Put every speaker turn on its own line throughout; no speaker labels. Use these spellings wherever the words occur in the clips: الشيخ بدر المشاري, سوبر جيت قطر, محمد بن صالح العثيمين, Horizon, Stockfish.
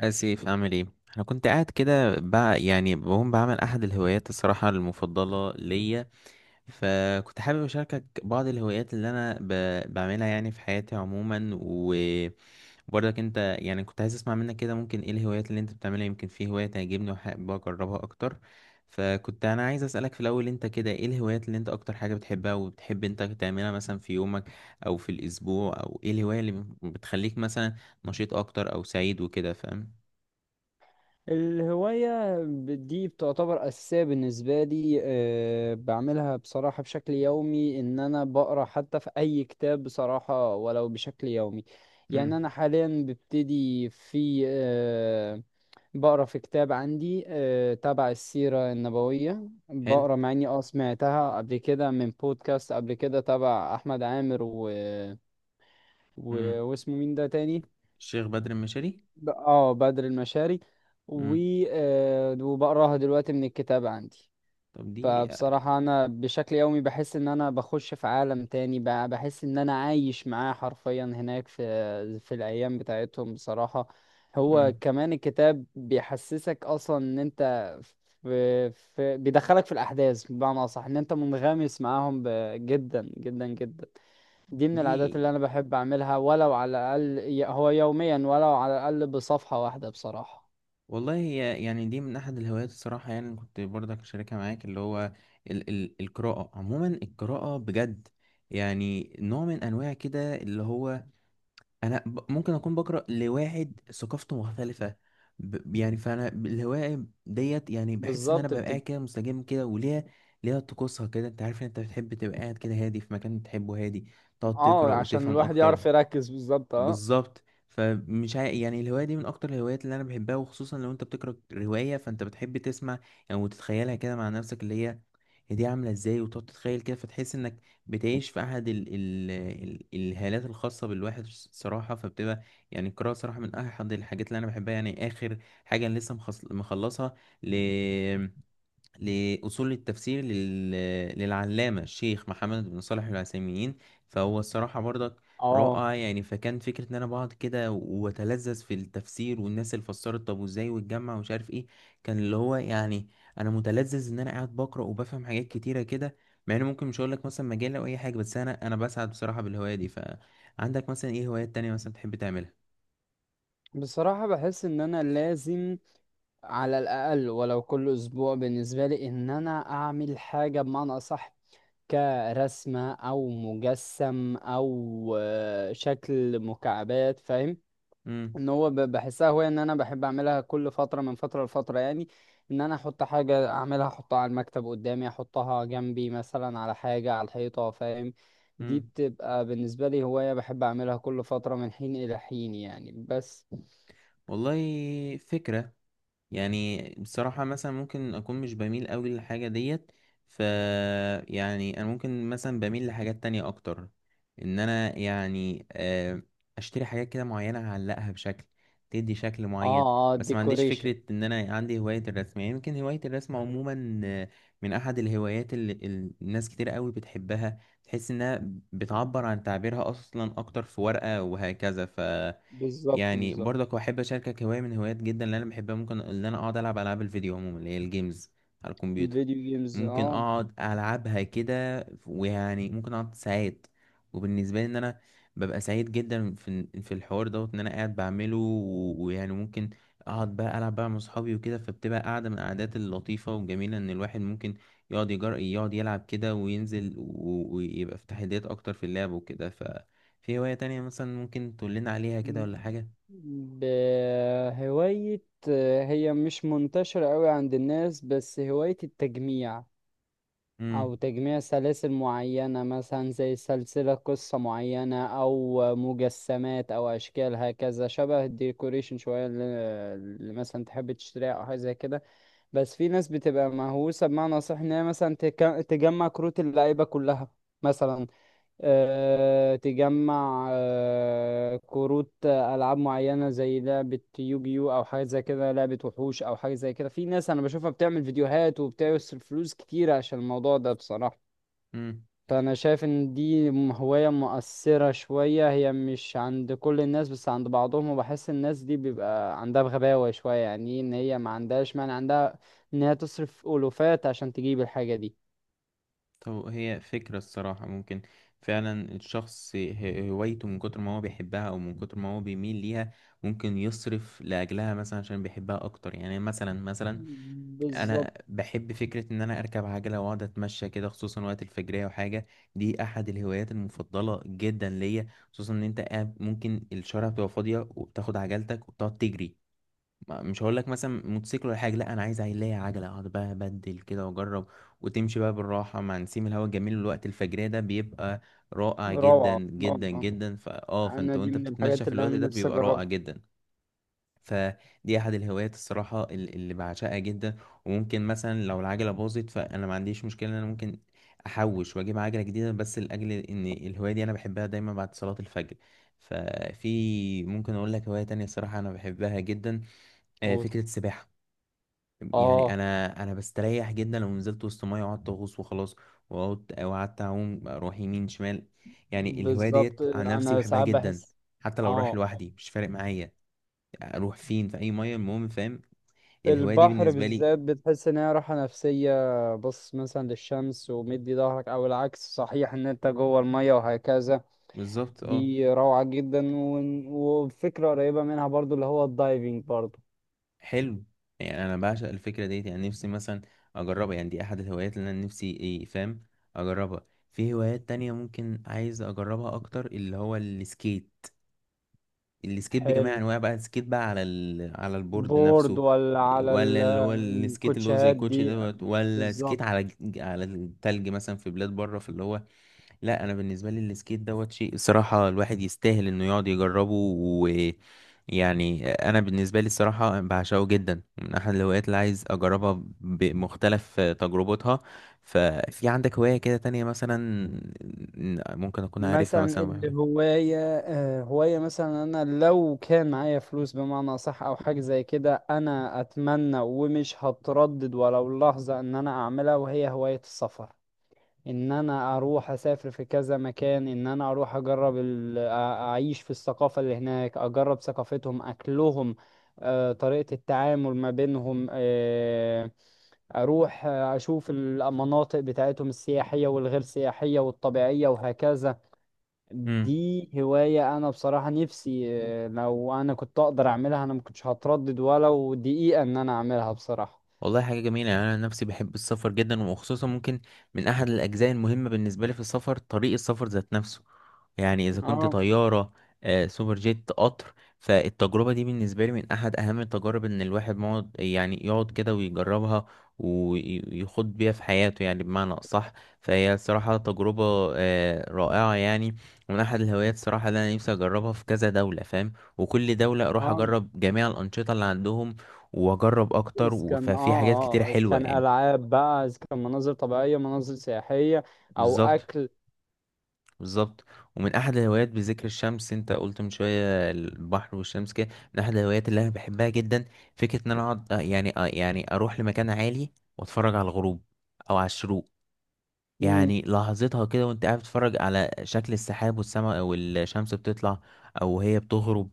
آسف أعمل إيه؟ أنا كنت قاعد كده بقى يعني بقوم بعمل أحد الهوايات الصراحة المفضلة ليا. فكنت حابب أشاركك بعض الهوايات اللي أنا بعملها يعني في حياتي عموما، وبرضك أنت يعني كنت عايز أسمع منك كده ممكن إيه الهوايات اللي أنت بتعملها، يمكن في هواية تعجبني وحابب أجربها أكتر. فكنت أنا عايز أسألك في الأول أنت كده إيه الهوايات اللي أنت أكتر حاجة بتحبها وبتحب أنت تعملها مثلا في يومك أو في الأسبوع، أو إيه الهواية اللي بتخليك مثلا نشيط أكتر أو سعيد وكده فاهم؟
الهواية دي بتعتبر أساسية بالنسبة لي، بعملها بصراحة بشكل يومي. إن أنا بقرأ حتى في أي كتاب بصراحة ولو بشكل يومي. يعني
امم.
أنا حاليا ببتدي في أه بقرأ في كتاب عندي تبع السيرة النبوية.
حلو.
بقرأ مع إني سمعتها قبل كده من بودكاست قبل كده تبع أحمد عامر و...
امم.
واسمه مين ده تاني؟
الشيخ بدر المشاري.
بدر المشاري. و
امم.
آه، وبقراها دلوقتي من الكتاب عندي.
طب دي.
فبصراحة أنا بشكل يومي بحس إن أنا بخش في عالم تاني. بحس إن أنا عايش معاه حرفيا هناك في الأيام بتاعتهم بصراحة. هو
امم.
كمان الكتاب بيحسسك أصلا إن أنت في بيدخلك في الأحداث، بمعنى أصح، إن أنت منغمس معاهم جدا جدا جدا. دي من
دي
العادات اللي انا بحب اعملها، ولو على الاقل هو يوميا ولو على الاقل بصفحة واحدة بصراحة.
والله هي يعني دي من احد الهوايات الصراحه، يعني كنت برضك اشاركها معاك اللي هو ال القراءه عموما، القراءه بجد. يعني نوع من انواع كده اللي هو انا ممكن اكون بقرا لواحد ثقافته مختلفه. يعني فانا الهوايه ديت يعني بحس ان انا
بالظبط
ببقى قاعد
بتبقى.
كده مستجم كده، ليها طقوسها كده، انت عارف ان انت بتحب تبقى قاعد كده هادي في مكان بتحبه، هادي تقعد
اه
تقرا
عشان
وتفهم
الواحد
اكتر.
يعرف يركز بالظبط، اه
بالظبط. يعني الهواية دي من أكتر الهوايات اللي أنا بحبها، وخصوصا لو أنت بتقرأ رواية فأنت بتحب تسمع يعني وتتخيلها كده مع نفسك، اللي هي دي عاملة إزاي، وتقعد تتخيل كده فتحس إنك بتعيش في أحد الهالات الخاصة بالواحد صراحة، فبتبقى يعني القراءة صراحة من أحد الحاجات اللي أنا بحبها. يعني آخر حاجة أنا لسه مخلصها لأصول التفسير للعلامة الشيخ محمد بن صالح العثيمين. فهو الصراحة برضك
اه.
رائع يعني، فكان فكرة إن أنا بقعد كده وأتلذذ في التفسير والناس اللي فسرت، طب وإزاي واتجمع ومش عارف إيه، كان اللي هو يعني أنا متلذذ إن أنا قاعد بقرأ وبفهم حاجات كتيرة كده. مع إن ممكن مش هقولك مثلا مجال أو أي حاجة، بس أنا بسعد بصراحة بالهواية دي. فعندك مثلا إيه هوايات تانية مثلا تحب تعملها؟
بصراحة بحس ان انا لازم على الاقل ولو كل اسبوع بالنسبة لي ان انا اعمل حاجة، بمعنى اصح كرسمة او مجسم او شكل مكعبات، فاهم.
مم.
ان هو بحسها هواية ان انا بحب اعملها كل فترة من فترة لفترة يعني. ان انا احط حاجة اعملها، احطها على المكتب قدامي، احطها جنبي مثلا على حاجة على الحيطة، فاهم. دي
مم.
بتبقى بالنسبة لي هواية بحب اعملها كل فترة من حين الى حين يعني، بس.
والله فكرة. يعني بصراحة مثلا ممكن أكون مش بميل أوي للحاجة ديت. ف يعني أنا ممكن مثلا بميل لحاجات تانية أكتر، إن أنا يعني أشتري حاجات كده معينة أعلقها بشكل تدي شكل
اه
معين.
اه،
بس ما عنديش
ديكوريشن.
فكرة إن أنا عندي هواية الرسم، يعني يمكن هواية الرسم عموما من أحد الهوايات اللي الناس كتير أوي بتحبها، تحس إنها بتعبر عن تعبيرها أصلا أكتر في ورقة وهكذا.
بالظبط
يعني
بالظبط.
برضك احب اشاركك هوايه من هوايات جدا اللي انا بحبها، ممكن ان انا اقعد العب العاب الفيديو عموما اللي هي الجيمز على الكمبيوتر.
فيديو جيمز،
ممكن
اه.
اقعد العبها كده ويعني ممكن اقعد ساعات، وبالنسبه لي ان انا ببقى سعيد جدا في الحوار دوت ان انا قاعد بعمله، ويعني ممكن اقعد بقى العب بقى مع اصحابي وكده، فبتبقى قاعده من القعدات اللطيفه والجميله ان الواحد ممكن يقعد يلعب كده وينزل، ويبقى في تحديات اكتر في اللعب وكده. ففي هوايه تانية مثلا ممكن تقول لنا عليها كده ولا
مم.
حاجه؟
بهواية هي مش منتشرة قوي عند الناس، بس هواية التجميع، او
امم.
تجميع سلاسل معينة مثلا زي سلسلة قصة معينة، او مجسمات او اشكال، هكذا شبه الديكوريشن شوية، اللي اللي مثلا تحب تشتريها او حاجة زي كده. بس في ناس بتبقى مهووسة، بمعنى صح ان هي مثلا تجمع كروت اللعيبة كلها مثلا. تجمع كروت ألعاب معينة زي لعبة يوجيو أو حاجة زي كده، لعبة وحوش أو حاجة زي كده. في ناس أنا بشوفها بتعمل فيديوهات وبتصرف فلوس كتير عشان الموضوع ده بصراحة.
امم.
فأنا شايف إن دي هواية مؤثرة شوية، هي مش عند كل الناس بس عند بعضهم. وبحس الناس دي بيبقى عندها بغباوة شوية، يعني إيه إن هي ما عندهاش مانع عندها إن هي تصرف ألوفات عشان تجيب الحاجة دي.
طب هي فكرة الصراحة. ممكن فعلا الشخص هوايته من كتر ما هو بيحبها، او من كتر ما هو بيميل ليها، ممكن يصرف لاجلها مثلا عشان بيحبها اكتر. يعني مثلا
بالظبط.
انا بحب فكرة ان انا اركب عجلة واقعد اتمشى كده، خصوصا وقت الفجرية وحاجة. دي احد الهوايات المفضلة جدا ليا، خصوصا ان انت قاعد ممكن الشارع بتبقى فاضية وبتاخد عجلتك وبتقعد تجري. مش هقول لك مثلا موتوسيكل ولا حاجه، لا انا عايز عيلية عجله اقعد بقى ابدل كده واجرب، وتمشي بقى بالراحه مع نسيم الهواء الجميل. الوقت الفجريه ده بيبقى رائع جدا
روعة.
جدا
آه.
جدا، فا اه
انا
فانت
دي
وانت
من
بتتمشى
الحاجات
في
اللي
الوقت
انا
ده
نفسي
بيبقى رائع
اجربها.
جدا. فدي احد الهوايات الصراحه اللي بعشقها جدا. وممكن مثلا لو العجله باظت فانا ما عنديش مشكله ان انا ممكن احوش واجيب عجله جديده، بس لاجل ان الهوايه دي انا بحبها دايما بعد صلاه الفجر. ففي ممكن اقول لك هوايه تانية الصراحه انا بحبها جدا،
أقول.
فكرة السباحة. يعني
اه.
أنا بستريح جدا لو نزلت وسط مية وقعدت أغوص وخلاص، وقعدت أعوم أروح يمين شمال. يعني الهواية
بالظبط،
ديت عن نفسي
انا
بحبها
ساعات
جدا،
بحس.
حتى لو رايح
اه.
لوحدي مش فارق معايا، أروح فين في أي مية المهم فاهم.
في
الهواية دي
البحر
بالنسبة لي.
بالذات بتحس ان هي راحه نفسيه. بص مثلا للشمس ومدي ظهرك، او العكس صحيح ان انت جوه الميه وهكذا.
بالظبط أه.
دي روعه جدا. وفكره قريبه منها برضو، اللي هو الدايفنج برضو.
حلو. يعني أنا بعشق الفكرة ديت، يعني نفسي مثلا أجربها، يعني دي أحد الهوايات اللي أنا نفسي إيه فاهم أجربها. في هوايات تانية ممكن عايز أجربها أكتر، اللي هو السكيت بجميع
حلو.
انواع بقى، السكيت بقى على على البورد
بورد
نفسه،
ولا
ولا اللي هو السكيت اللي هو زي
الكوتشيهات
الكوتشي
دي.
دوت، ولا سكيت
بالظبط.
على على التلج مثلا في بلاد بره في اللي هو. لا انا بالنسبه لي السكيت دوت شيء الصراحه الواحد يستاهل انه يقعد يجربه، ويعني انا بالنسبه لي الصراحه بعشقه جدا، من احد الهوايات اللي عايز اجربها بمختلف تجربتها. ففي عندك هوايه كده تانية مثلا ممكن اكون عارفها
مثلا
مثلا، يا أبو
الهواية، هواية مثلا أنا لو كان معايا فلوس بمعنى صح أو حاجة زي كده، أنا أتمنى ومش هتردد ولو لحظة إن أنا أعملها، وهي هواية السفر. إن أنا أروح أسافر في كذا مكان، إن أنا أروح أجرب أعيش في الثقافة اللي هناك، أجرب ثقافتهم، أكلهم، طريقة التعامل ما بينهم، أروح أشوف المناطق بتاعتهم السياحية والغير سياحية والطبيعية وهكذا.
أحمد؟
دي هواية أنا بصراحة نفسي، لو أنا كنت أقدر أعملها أنا ما كنتش هتردد ولو دقيقة إن أنا أعملها بصراحة.
والله حاجة جميلة. يعني أنا نفسي بحب السفر جدا، وخصوصا ممكن من أحد الأجزاء المهمة بالنسبة لي في السفر طريق السفر ذات نفسه. يعني إذا كنت
اه
طيارة، سوبر جيت قطر، فالتجربة دي بالنسبة لي من أحد أهم التجارب، إن الواحد مقعد يعني يقعد كده ويجربها ويخوض بيها في حياته يعني بمعنى أصح. فهي الصراحة تجربة رائعة يعني، ومن أحد الهوايات الصراحة اللي أنا نفسي أجربها في كذا دولة فاهم، وكل دولة أروح
اه،
أجرب جميع الأنشطة اللي عندهم، واجرب اكتر،
إذا كان
ففي حاجات
اه
كتيرة
اه، إذا
حلوة
كان
يعني.
ألعاب بقى، إذا كان مناظر طبيعية، مناظر سياحية، أو
بالظبط
أكل.
بالظبط. ومن احد الهوايات بذكر الشمس انت قلت من شوية البحر والشمس كده، من احد الهوايات اللي انا بحبها جدا فكرة ان انا اقعد يعني يعني اروح لمكان عالي واتفرج على الغروب او على الشروق.
مم.
يعني لحظتها كده وانت قاعد بتتفرج على شكل السحاب والسماء والشمس بتطلع او هي بتغرب،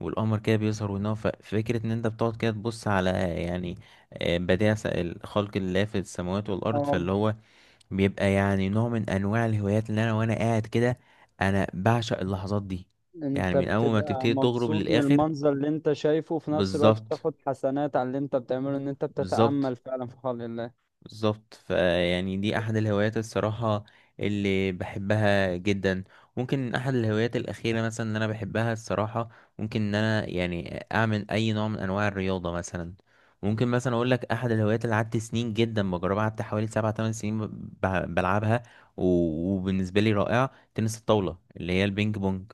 والقمر كده بيظهر وينام، ففكرة ان انت بتقعد كده تبص على يعني بديع الخلق الله في السماوات والارض،
اه.
فاللي هو بيبقى يعني نوع من انواع الهوايات اللي انا وانا قاعد كده انا بعشق اللحظات دي، يعني
أنت
من اول ما
بتبقى
تبتدي تغرب
مبسوط من
للاخر.
المنظر اللي أنت شايفه، وفي نفس الوقت
بالظبط
بتاخد حسنات على اللي أنت بتعمله إن أنت
بالظبط
بتتأمل فعلا في خلق الله.
بالظبط. فيعني دي احد الهوايات الصراحة اللي بحبها جدا. ممكن احد الهوايات الاخيرة مثلا اللي انا بحبها الصراحة، ممكن ان انا يعني اعمل اي نوع من انواع الرياضة مثلا. ممكن مثلا اقول لك احد الهوايات اللي قعدت سنين جدا بجربها، قعدت حوالي 7 8 سنين بلعبها، وبالنسبة لي رائعة تنس الطاولة اللي هي البينج بونج.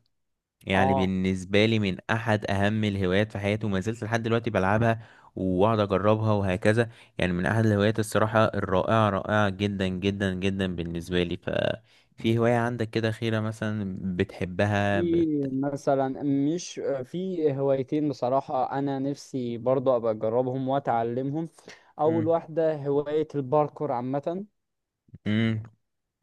يعني
اه.
بالنسبة لي من أحد أهم الهوايات في حياتي، وما زلت لحد دلوقتي بلعبها وأقعد أجربها وهكذا. يعني من أحد الهوايات الصراحة الرائعة، رائعة جدا جدا جدا بالنسبة لي. ففي هواية عندك كده خيرة مثلا بتحبها
في مثلا، مش في هوايتين بصراحة أنا نفسي برضه أبقى أجربهم وأتعلمهم. أول
مم.
واحدة هواية الباركور عامة.
مم.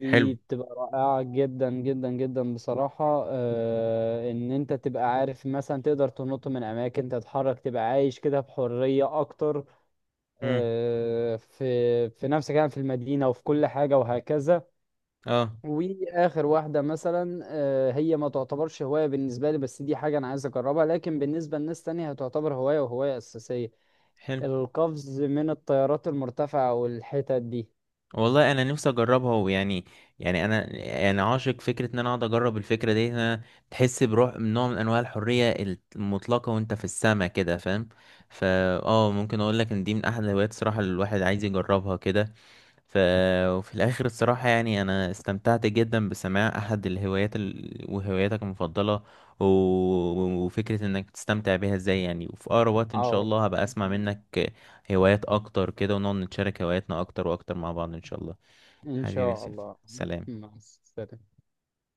حلو.
بتبقى رائعة جدا جدا جدا بصراحة، آه، إن أنت تبقى عارف مثلا تقدر تنط من أماكن، تتحرك، تبقى عايش كده بحرية أكتر
مم.
في في نفسك يعني، في المدينة وفي كل حاجة وهكذا.
اه.
واخر واحده مثلا، هي ما تعتبرش هوايه بالنسبه لي، بس دي حاجه انا عايز اجربها، لكن بالنسبه لناس تانية هتعتبر هوايه وهوايه اساسيه:
حلو.
القفز من الطيارات المرتفعه والحتت دي.
والله انا نفسي اجربها يعني انا يعني عاشق فكره ان انا اقعد اجرب الفكره دي. إن انا تحس بروح نوع من انواع الحريه المطلقه وانت في السما كده فاهم. فا اه ممكن اقول لك ان دي من احد الهوايات الصراحه اللي الواحد عايز يجربها كده. ف وفي الاخر الصراحه يعني انا استمتعت جدا بسماع احد الهوايات وهواياتك المفضله، و... وفكره انك تستمتع بيها ازاي يعني، وفي اقرب وقت ان شاء
اه.
الله هبقى اسمع منك هوايات اكتر كده، ونقعد نتشارك هواياتنا اكتر واكتر مع بعض ان شاء الله.
ان
حبيبي يا
شاء
سيف،
الله.
سلام.
مع السلامه.